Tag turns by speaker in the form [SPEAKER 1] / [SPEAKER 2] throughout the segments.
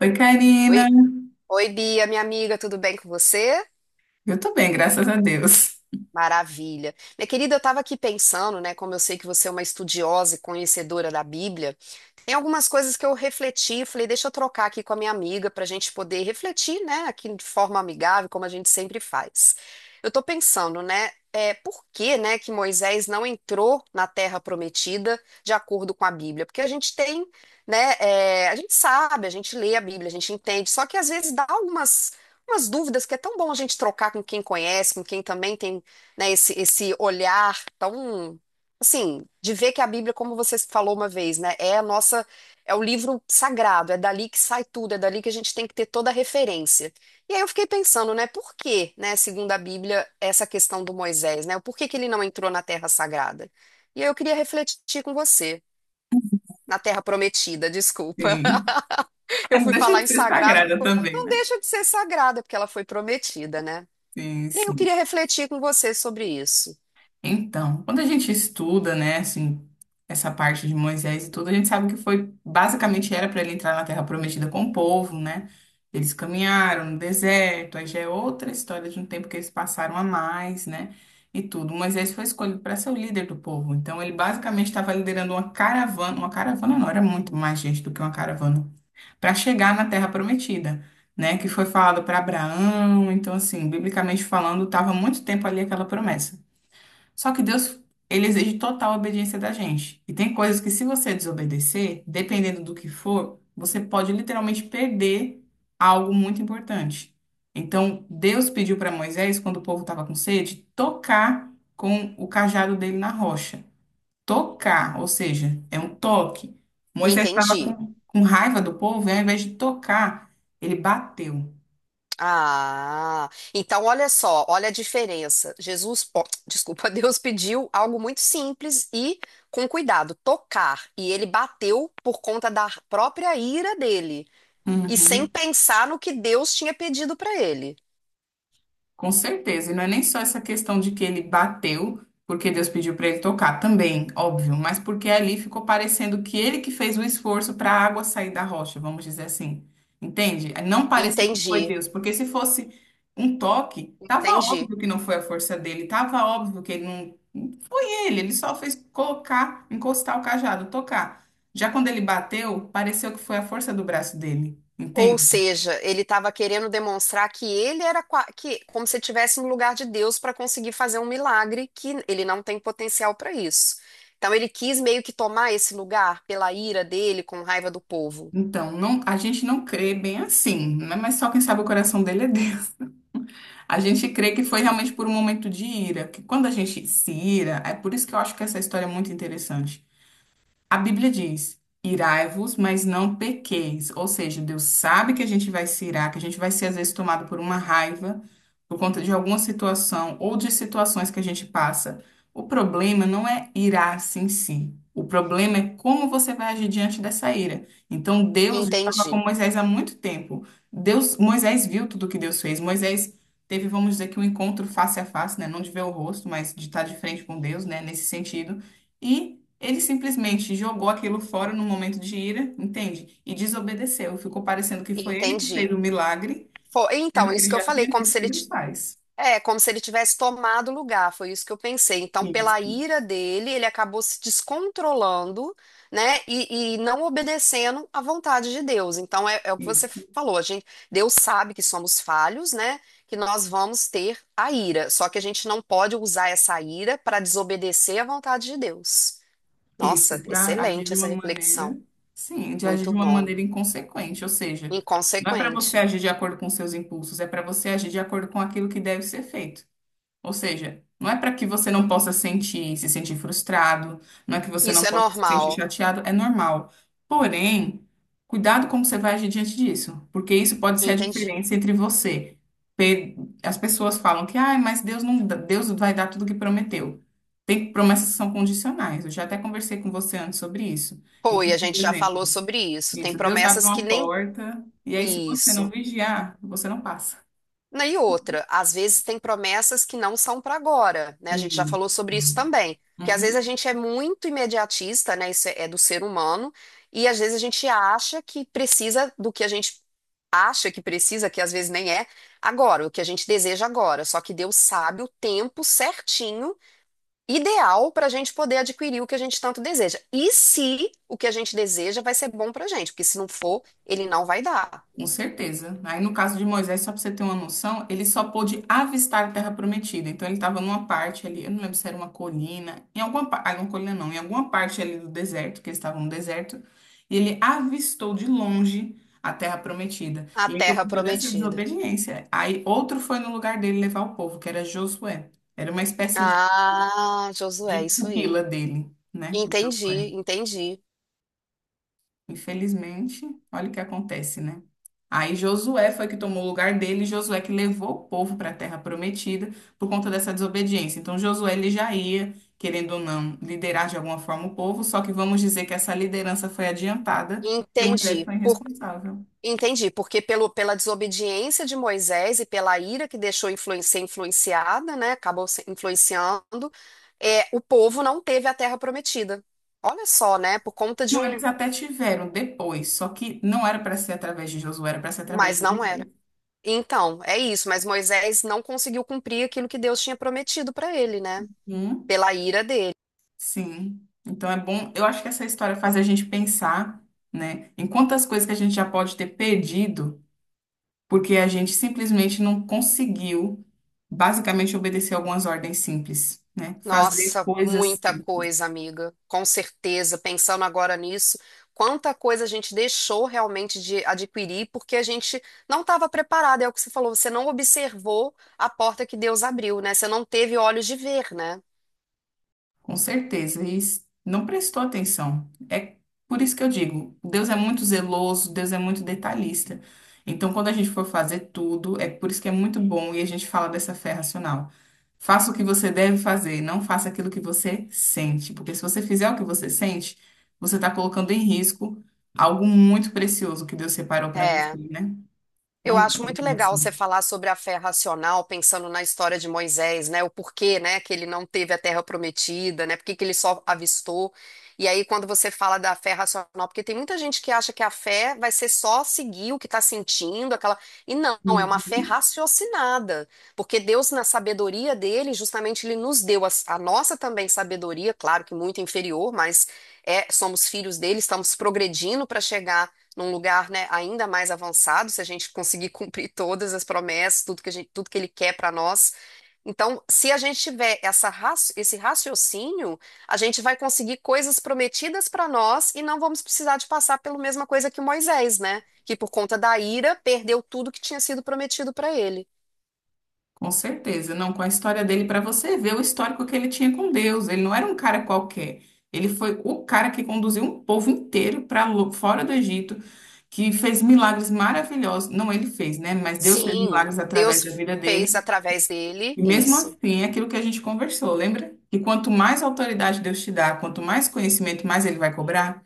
[SPEAKER 1] Oi, Karina.
[SPEAKER 2] Oi, oi, Bia, minha amiga, tudo bem com você?
[SPEAKER 1] Eu tô bem, graças a Deus.
[SPEAKER 2] Maravilha. Minha querida, eu estava aqui pensando, né, como eu sei que você é uma estudiosa e conhecedora da Bíblia, tem algumas coisas que eu refleti, falei: deixa eu trocar aqui com a minha amiga para a gente poder refletir, né, aqui de forma amigável, como a gente sempre faz. Eu estou pensando, né, por que, né, que Moisés não entrou na Terra Prometida de acordo com a Bíblia? Porque a gente tem, né, a gente sabe, a gente lê a Bíblia, a gente entende, só que às vezes dá algumas, umas dúvidas que é tão bom a gente trocar com quem conhece, com quem também tem, né, esse olhar tão assim, de ver que a Bíblia, como você falou uma vez, né, é a nossa, é o livro sagrado, é dali que sai tudo, é dali que a gente tem que ter toda a referência. E aí eu fiquei pensando, né, por que, né, segundo a Bíblia, essa questão do Moisés, né, por que que ele não entrou na Terra Sagrada? E aí eu queria refletir com você. Na Terra Prometida, desculpa.
[SPEAKER 1] Sim.
[SPEAKER 2] Eu
[SPEAKER 1] É, não.
[SPEAKER 2] fui
[SPEAKER 1] Deixa
[SPEAKER 2] falar
[SPEAKER 1] de
[SPEAKER 2] em
[SPEAKER 1] ser
[SPEAKER 2] sagrado,
[SPEAKER 1] sagrada também,
[SPEAKER 2] não
[SPEAKER 1] né?
[SPEAKER 2] deixa de ser sagrada, porque ela foi prometida, né?
[SPEAKER 1] Sim,
[SPEAKER 2] E aí eu
[SPEAKER 1] sim.
[SPEAKER 2] queria refletir com você sobre isso.
[SPEAKER 1] Então, quando a gente estuda, né, assim, essa parte de Moisés e tudo, a gente sabe que foi, basicamente era para ele entrar na Terra Prometida com o povo, né? Eles caminharam no deserto, aí já é outra história de um tempo que eles passaram a mais, né? E tudo. Moisés foi escolhido para ser o líder do povo. Então, ele basicamente estava liderando uma caravana não, era muito mais gente do que uma caravana para chegar na Terra Prometida, né? Que foi falado para Abraão. Então, assim, biblicamente falando, estava muito tempo ali aquela promessa. Só que Deus, ele exige total obediência da gente. E tem coisas que, se você desobedecer, dependendo do que for, você pode literalmente perder algo muito importante. Então, Deus pediu para Moisés, quando o povo estava com sede, tocar com o cajado dele na rocha, tocar, ou seja, é um toque. Moisés estava
[SPEAKER 2] Entendi.
[SPEAKER 1] com raiva do povo e ao invés de tocar, ele bateu.
[SPEAKER 2] Ah, então olha só, olha a diferença. Jesus, desculpa, Deus pediu algo muito simples e com cuidado, tocar, e ele bateu por conta da própria ira dele e sem
[SPEAKER 1] Uhum.
[SPEAKER 2] pensar no que Deus tinha pedido para ele.
[SPEAKER 1] Com certeza, e não é nem só essa questão de que ele bateu porque Deus pediu para ele tocar, também, óbvio, mas porque ali ficou parecendo que ele que fez o esforço para a água sair da rocha, vamos dizer assim. Entende? É. Não parecer que foi
[SPEAKER 2] Entendi,
[SPEAKER 1] Deus, porque se fosse um toque, tava
[SPEAKER 2] entendi.
[SPEAKER 1] óbvio que não foi a força dele, tava óbvio que ele não foi ele, ele só fez colocar, encostar o cajado, tocar. Já quando ele bateu, pareceu que foi a força do braço dele,
[SPEAKER 2] Ou
[SPEAKER 1] entende?
[SPEAKER 2] seja, ele estava querendo demonstrar que ele era que, como se estivesse no lugar de Deus para conseguir fazer um milagre que ele não tem potencial para isso. Então ele quis meio que tomar esse lugar pela ira dele, com raiva do povo.
[SPEAKER 1] Então, não, a gente não crê bem assim, né? Mas só quem sabe o coração dele é Deus. A gente crê que foi
[SPEAKER 2] Sim.
[SPEAKER 1] realmente por um momento de ira, que quando a gente se ira, é por isso que eu acho que essa história é muito interessante. A Bíblia diz: irai-vos, mas não pequeis. Ou seja, Deus sabe que a gente vai se irar, que a gente vai ser às vezes tomado por uma raiva por conta de alguma situação ou de situações que a gente passa. O problema não é irar-se em si. O problema é como você vai agir diante dessa ira. Então Deus já estava com
[SPEAKER 2] Entendi,
[SPEAKER 1] Moisés há muito tempo. Deus, Moisés viu tudo que Deus fez. Moisés teve, vamos dizer, que um encontro face a face, né? Não de ver o rosto, mas de estar de frente com Deus, né? Nesse sentido. E ele simplesmente jogou aquilo fora no momento de ira, entende? E desobedeceu. Ficou parecendo que foi ele que
[SPEAKER 2] entendi.
[SPEAKER 1] fez o milagre,
[SPEAKER 2] Foi,
[SPEAKER 1] sendo
[SPEAKER 2] então,
[SPEAKER 1] que
[SPEAKER 2] isso
[SPEAKER 1] ele
[SPEAKER 2] que eu
[SPEAKER 1] já
[SPEAKER 2] falei,
[SPEAKER 1] tinha
[SPEAKER 2] como
[SPEAKER 1] visto
[SPEAKER 2] se
[SPEAKER 1] o que Deus faz.
[SPEAKER 2] é, como se ele tivesse tomado o lugar, foi isso que eu pensei. Então, pela
[SPEAKER 1] Isso,
[SPEAKER 2] ira dele, ele acabou se descontrolando, né, e não obedecendo à vontade de Deus. Então, é o que você
[SPEAKER 1] isso,
[SPEAKER 2] falou, a gente, Deus sabe que somos falhos, né, que nós vamos ter a ira, só que a gente não pode usar essa ira para desobedecer à vontade de Deus. Nossa,
[SPEAKER 1] isso. Para agir
[SPEAKER 2] excelente
[SPEAKER 1] de
[SPEAKER 2] essa
[SPEAKER 1] uma maneira,
[SPEAKER 2] reflexão,
[SPEAKER 1] sim, de agir
[SPEAKER 2] muito
[SPEAKER 1] de uma
[SPEAKER 2] bom.
[SPEAKER 1] maneira inconsequente. Ou seja, não é para você
[SPEAKER 2] Inconsequente.
[SPEAKER 1] agir de acordo com seus impulsos, é para você agir de acordo com aquilo que deve ser feito. Ou seja, não é para que você não possa sentir, se sentir frustrado, não é que você não
[SPEAKER 2] Isso é
[SPEAKER 1] possa se sentir
[SPEAKER 2] normal,
[SPEAKER 1] chateado, é normal. Porém, cuidado como você vai agir diante disso, porque isso pode ser a
[SPEAKER 2] entendi.
[SPEAKER 1] diferença entre você. pe- As pessoas falam que, ah, mas Deus não, Deus vai dar tudo o que prometeu. Tem promessas que são condicionais. Eu já até conversei com você antes sobre isso.
[SPEAKER 2] Foi,
[SPEAKER 1] Então,
[SPEAKER 2] a
[SPEAKER 1] por
[SPEAKER 2] gente já
[SPEAKER 1] exemplo,
[SPEAKER 2] falou sobre isso. Tem
[SPEAKER 1] isso, Deus abre
[SPEAKER 2] promessas que
[SPEAKER 1] uma
[SPEAKER 2] nem
[SPEAKER 1] porta, e aí se você não
[SPEAKER 2] Isso.
[SPEAKER 1] vigiar, você não passa.
[SPEAKER 2] E outra, às vezes tem promessas que não são para agora, né? A gente já
[SPEAKER 1] E,
[SPEAKER 2] falou sobre isso também. Porque às vezes a
[SPEAKER 1] Uhum.
[SPEAKER 2] gente é muito imediatista, né? Isso é do ser humano, e às vezes a gente acha que precisa do que a gente acha que precisa, que às vezes nem é, agora, o que a gente deseja agora. Só que Deus sabe o tempo certinho, ideal para a gente poder adquirir o que a gente tanto deseja. E se o que a gente deseja vai ser bom para a gente, porque se não for, ele não vai dar.
[SPEAKER 1] Com certeza. Aí, no caso de Moisés, só para você ter uma noção, ele só pôde avistar a Terra Prometida. Então, ele estava numa parte ali, eu não lembro se era uma colina, em alguma, uma colina não, em alguma parte ali do deserto, que eles estavam no deserto, e ele avistou de longe a Terra Prometida.
[SPEAKER 2] A
[SPEAKER 1] E aí, por
[SPEAKER 2] terra
[SPEAKER 1] conta dessa
[SPEAKER 2] prometida.
[SPEAKER 1] desobediência, aí outro foi no lugar dele levar o povo, que era Josué. Era uma espécie
[SPEAKER 2] Ah,
[SPEAKER 1] de
[SPEAKER 2] Josué, isso aí.
[SPEAKER 1] pupila dele, né?
[SPEAKER 2] Entendi, entendi,
[SPEAKER 1] Infelizmente, olha o que acontece, né? Aí Josué foi que tomou o lugar dele, Josué que levou o povo para a terra prometida por conta dessa desobediência. Então Josué ele já ia, querendo ou não, liderar de alguma forma o povo, só que vamos dizer que essa liderança foi adiantada, porque Moisés
[SPEAKER 2] entendi.
[SPEAKER 1] foi
[SPEAKER 2] Por,
[SPEAKER 1] irresponsável.
[SPEAKER 2] entendi, porque pelo, pela desobediência de Moisés e pela ira que deixou ser influenciada, né? Acabou se influenciando, é, o povo não teve a terra prometida. Olha só, né? Por conta de
[SPEAKER 1] Não,
[SPEAKER 2] um.
[SPEAKER 1] eles até tiveram depois, só que não era para ser através de Josué, era para ser através
[SPEAKER 2] Mas
[SPEAKER 1] de
[SPEAKER 2] não era.
[SPEAKER 1] Moisés.
[SPEAKER 2] Então, é isso, mas Moisés não conseguiu cumprir aquilo que Deus tinha prometido para ele, né?
[SPEAKER 1] Hum,
[SPEAKER 2] Pela ira dele.
[SPEAKER 1] sim. Então é bom, eu acho que essa história faz a gente pensar, né, em quantas coisas que a gente já pode ter perdido porque a gente simplesmente não conseguiu, basicamente, obedecer algumas ordens simples, né? Fazer
[SPEAKER 2] Nossa,
[SPEAKER 1] coisas,
[SPEAKER 2] muita coisa, amiga. Com certeza, pensando agora nisso, quanta coisa a gente deixou realmente de adquirir porque a gente não estava preparado. É o que você falou, você não observou a porta que Deus abriu, né? Você não teve olhos de ver, né?
[SPEAKER 1] com certeza, e não prestou atenção. É por isso que eu digo, Deus é muito zeloso, Deus é muito detalhista. Então, quando a gente for fazer tudo, é por isso que é muito bom e a gente fala dessa fé racional. Faça o que você deve fazer, não faça aquilo que você sente, porque se você fizer o que você sente, você está colocando em risco algo muito precioso que Deus separou para você,
[SPEAKER 2] É.
[SPEAKER 1] né?
[SPEAKER 2] Eu
[SPEAKER 1] Não dá
[SPEAKER 2] acho
[SPEAKER 1] pra
[SPEAKER 2] muito
[SPEAKER 1] viver
[SPEAKER 2] legal
[SPEAKER 1] assim.
[SPEAKER 2] você falar sobre a fé racional, pensando na história de Moisés, né? O porquê, né, que ele não teve a terra prometida, né? Por que que ele só avistou? E aí, quando você fala da fé racional, porque tem muita gente que acha que a fé vai ser só seguir o que está sentindo, aquela. E não, é uma fé
[SPEAKER 1] Uhum.
[SPEAKER 2] raciocinada. Porque Deus, na sabedoria dele, justamente ele nos deu a nossa também sabedoria, claro que muito inferior, mas é, somos filhos dele, estamos progredindo para chegar num lugar, né, ainda mais avançado, se a gente conseguir cumprir todas as promessas, tudo que a gente, tudo que ele quer para nós. Então, se a gente tiver essa, esse raciocínio, a gente vai conseguir coisas prometidas para nós e não vamos precisar de passar pela mesma coisa que Moisés, né? Que por conta da ira perdeu tudo que tinha sido prometido para ele.
[SPEAKER 1] Com certeza. Não, com a história dele, para você ver o histórico que ele tinha com Deus. Ele não era um cara qualquer. Ele foi o cara que conduziu um povo inteiro para fora do Egito, que fez milagres maravilhosos. Não ele fez, né? Mas Deus fez
[SPEAKER 2] Sim,
[SPEAKER 1] milagres através da
[SPEAKER 2] Deus
[SPEAKER 1] vida
[SPEAKER 2] fez
[SPEAKER 1] dele.
[SPEAKER 2] através dele
[SPEAKER 1] E mesmo
[SPEAKER 2] isso.
[SPEAKER 1] assim, é aquilo que a gente conversou, lembra? Que quanto mais autoridade Deus te dá, quanto mais conhecimento, mais ele vai cobrar.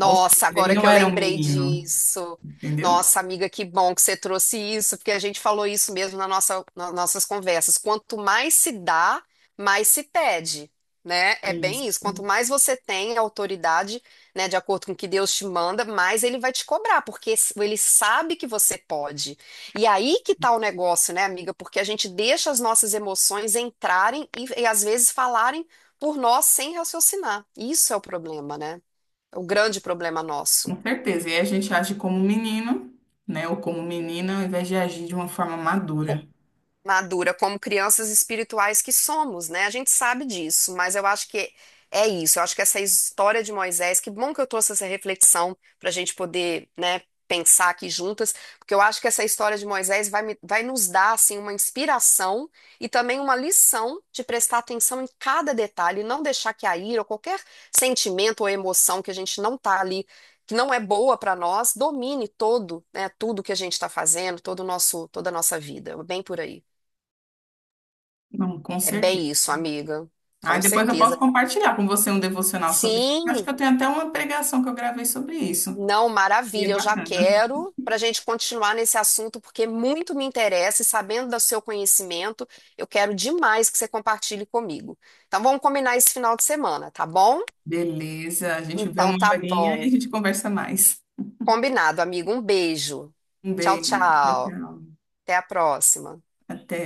[SPEAKER 1] Ou seja, ele
[SPEAKER 2] agora que
[SPEAKER 1] não
[SPEAKER 2] eu
[SPEAKER 1] era um
[SPEAKER 2] lembrei
[SPEAKER 1] menino,
[SPEAKER 2] disso.
[SPEAKER 1] entendeu?
[SPEAKER 2] Nossa, amiga, que bom que você trouxe isso, porque a gente falou isso mesmo na nossa, nas nossas conversas. Quanto mais se dá, mais se pede, né? É bem isso. Quanto
[SPEAKER 1] Isso.
[SPEAKER 2] mais você tem autoridade, né, de acordo com o que Deus te manda, mais ele vai te cobrar, porque ele sabe que você pode. E aí que tá o negócio, né, amiga? Porque a gente deixa as nossas emoções entrarem e às vezes falarem por nós sem raciocinar. Isso é o problema, né? É o grande problema nosso.
[SPEAKER 1] Com certeza. E aí a gente age como menino, né? Ou como menina, ao invés de agir de uma forma madura.
[SPEAKER 2] Madura como crianças espirituais que somos, né? A gente sabe disso, mas eu acho que é isso. Eu acho que essa história de Moisés, que bom que eu trouxe essa reflexão para a gente poder, né, pensar aqui juntas, porque eu acho que essa história de Moisés vai nos dar, assim, uma inspiração e também uma lição de prestar atenção em cada detalhe, não deixar que a ira ou qualquer sentimento ou emoção que a gente não tá ali que não é boa para nós, domine todo, né, tudo que a gente está fazendo, todo o nosso, toda a nossa vida, bem por aí.
[SPEAKER 1] Não, com
[SPEAKER 2] É
[SPEAKER 1] certeza.
[SPEAKER 2] bem isso, amiga.
[SPEAKER 1] Aí
[SPEAKER 2] Com
[SPEAKER 1] depois eu
[SPEAKER 2] certeza.
[SPEAKER 1] posso compartilhar com você um devocional sobre isso. Acho
[SPEAKER 2] Sim,
[SPEAKER 1] que eu tenho até uma pregação que eu gravei sobre isso.
[SPEAKER 2] não,
[SPEAKER 1] E é
[SPEAKER 2] maravilha. Eu já
[SPEAKER 1] bacana.
[SPEAKER 2] quero para a gente continuar nesse assunto, porque muito me interessa e sabendo do seu conhecimento, eu quero demais que você compartilhe comigo. Então, vamos combinar esse final de semana, tá bom?
[SPEAKER 1] Beleza, a gente vê
[SPEAKER 2] Então,
[SPEAKER 1] uma
[SPEAKER 2] tá
[SPEAKER 1] horinha e a
[SPEAKER 2] bom.
[SPEAKER 1] gente conversa mais.
[SPEAKER 2] Combinado, amigo. Um beijo.
[SPEAKER 1] Um
[SPEAKER 2] Tchau,
[SPEAKER 1] beijo. Tchau,
[SPEAKER 2] tchau.
[SPEAKER 1] tchau.
[SPEAKER 2] Até a próxima.
[SPEAKER 1] Até.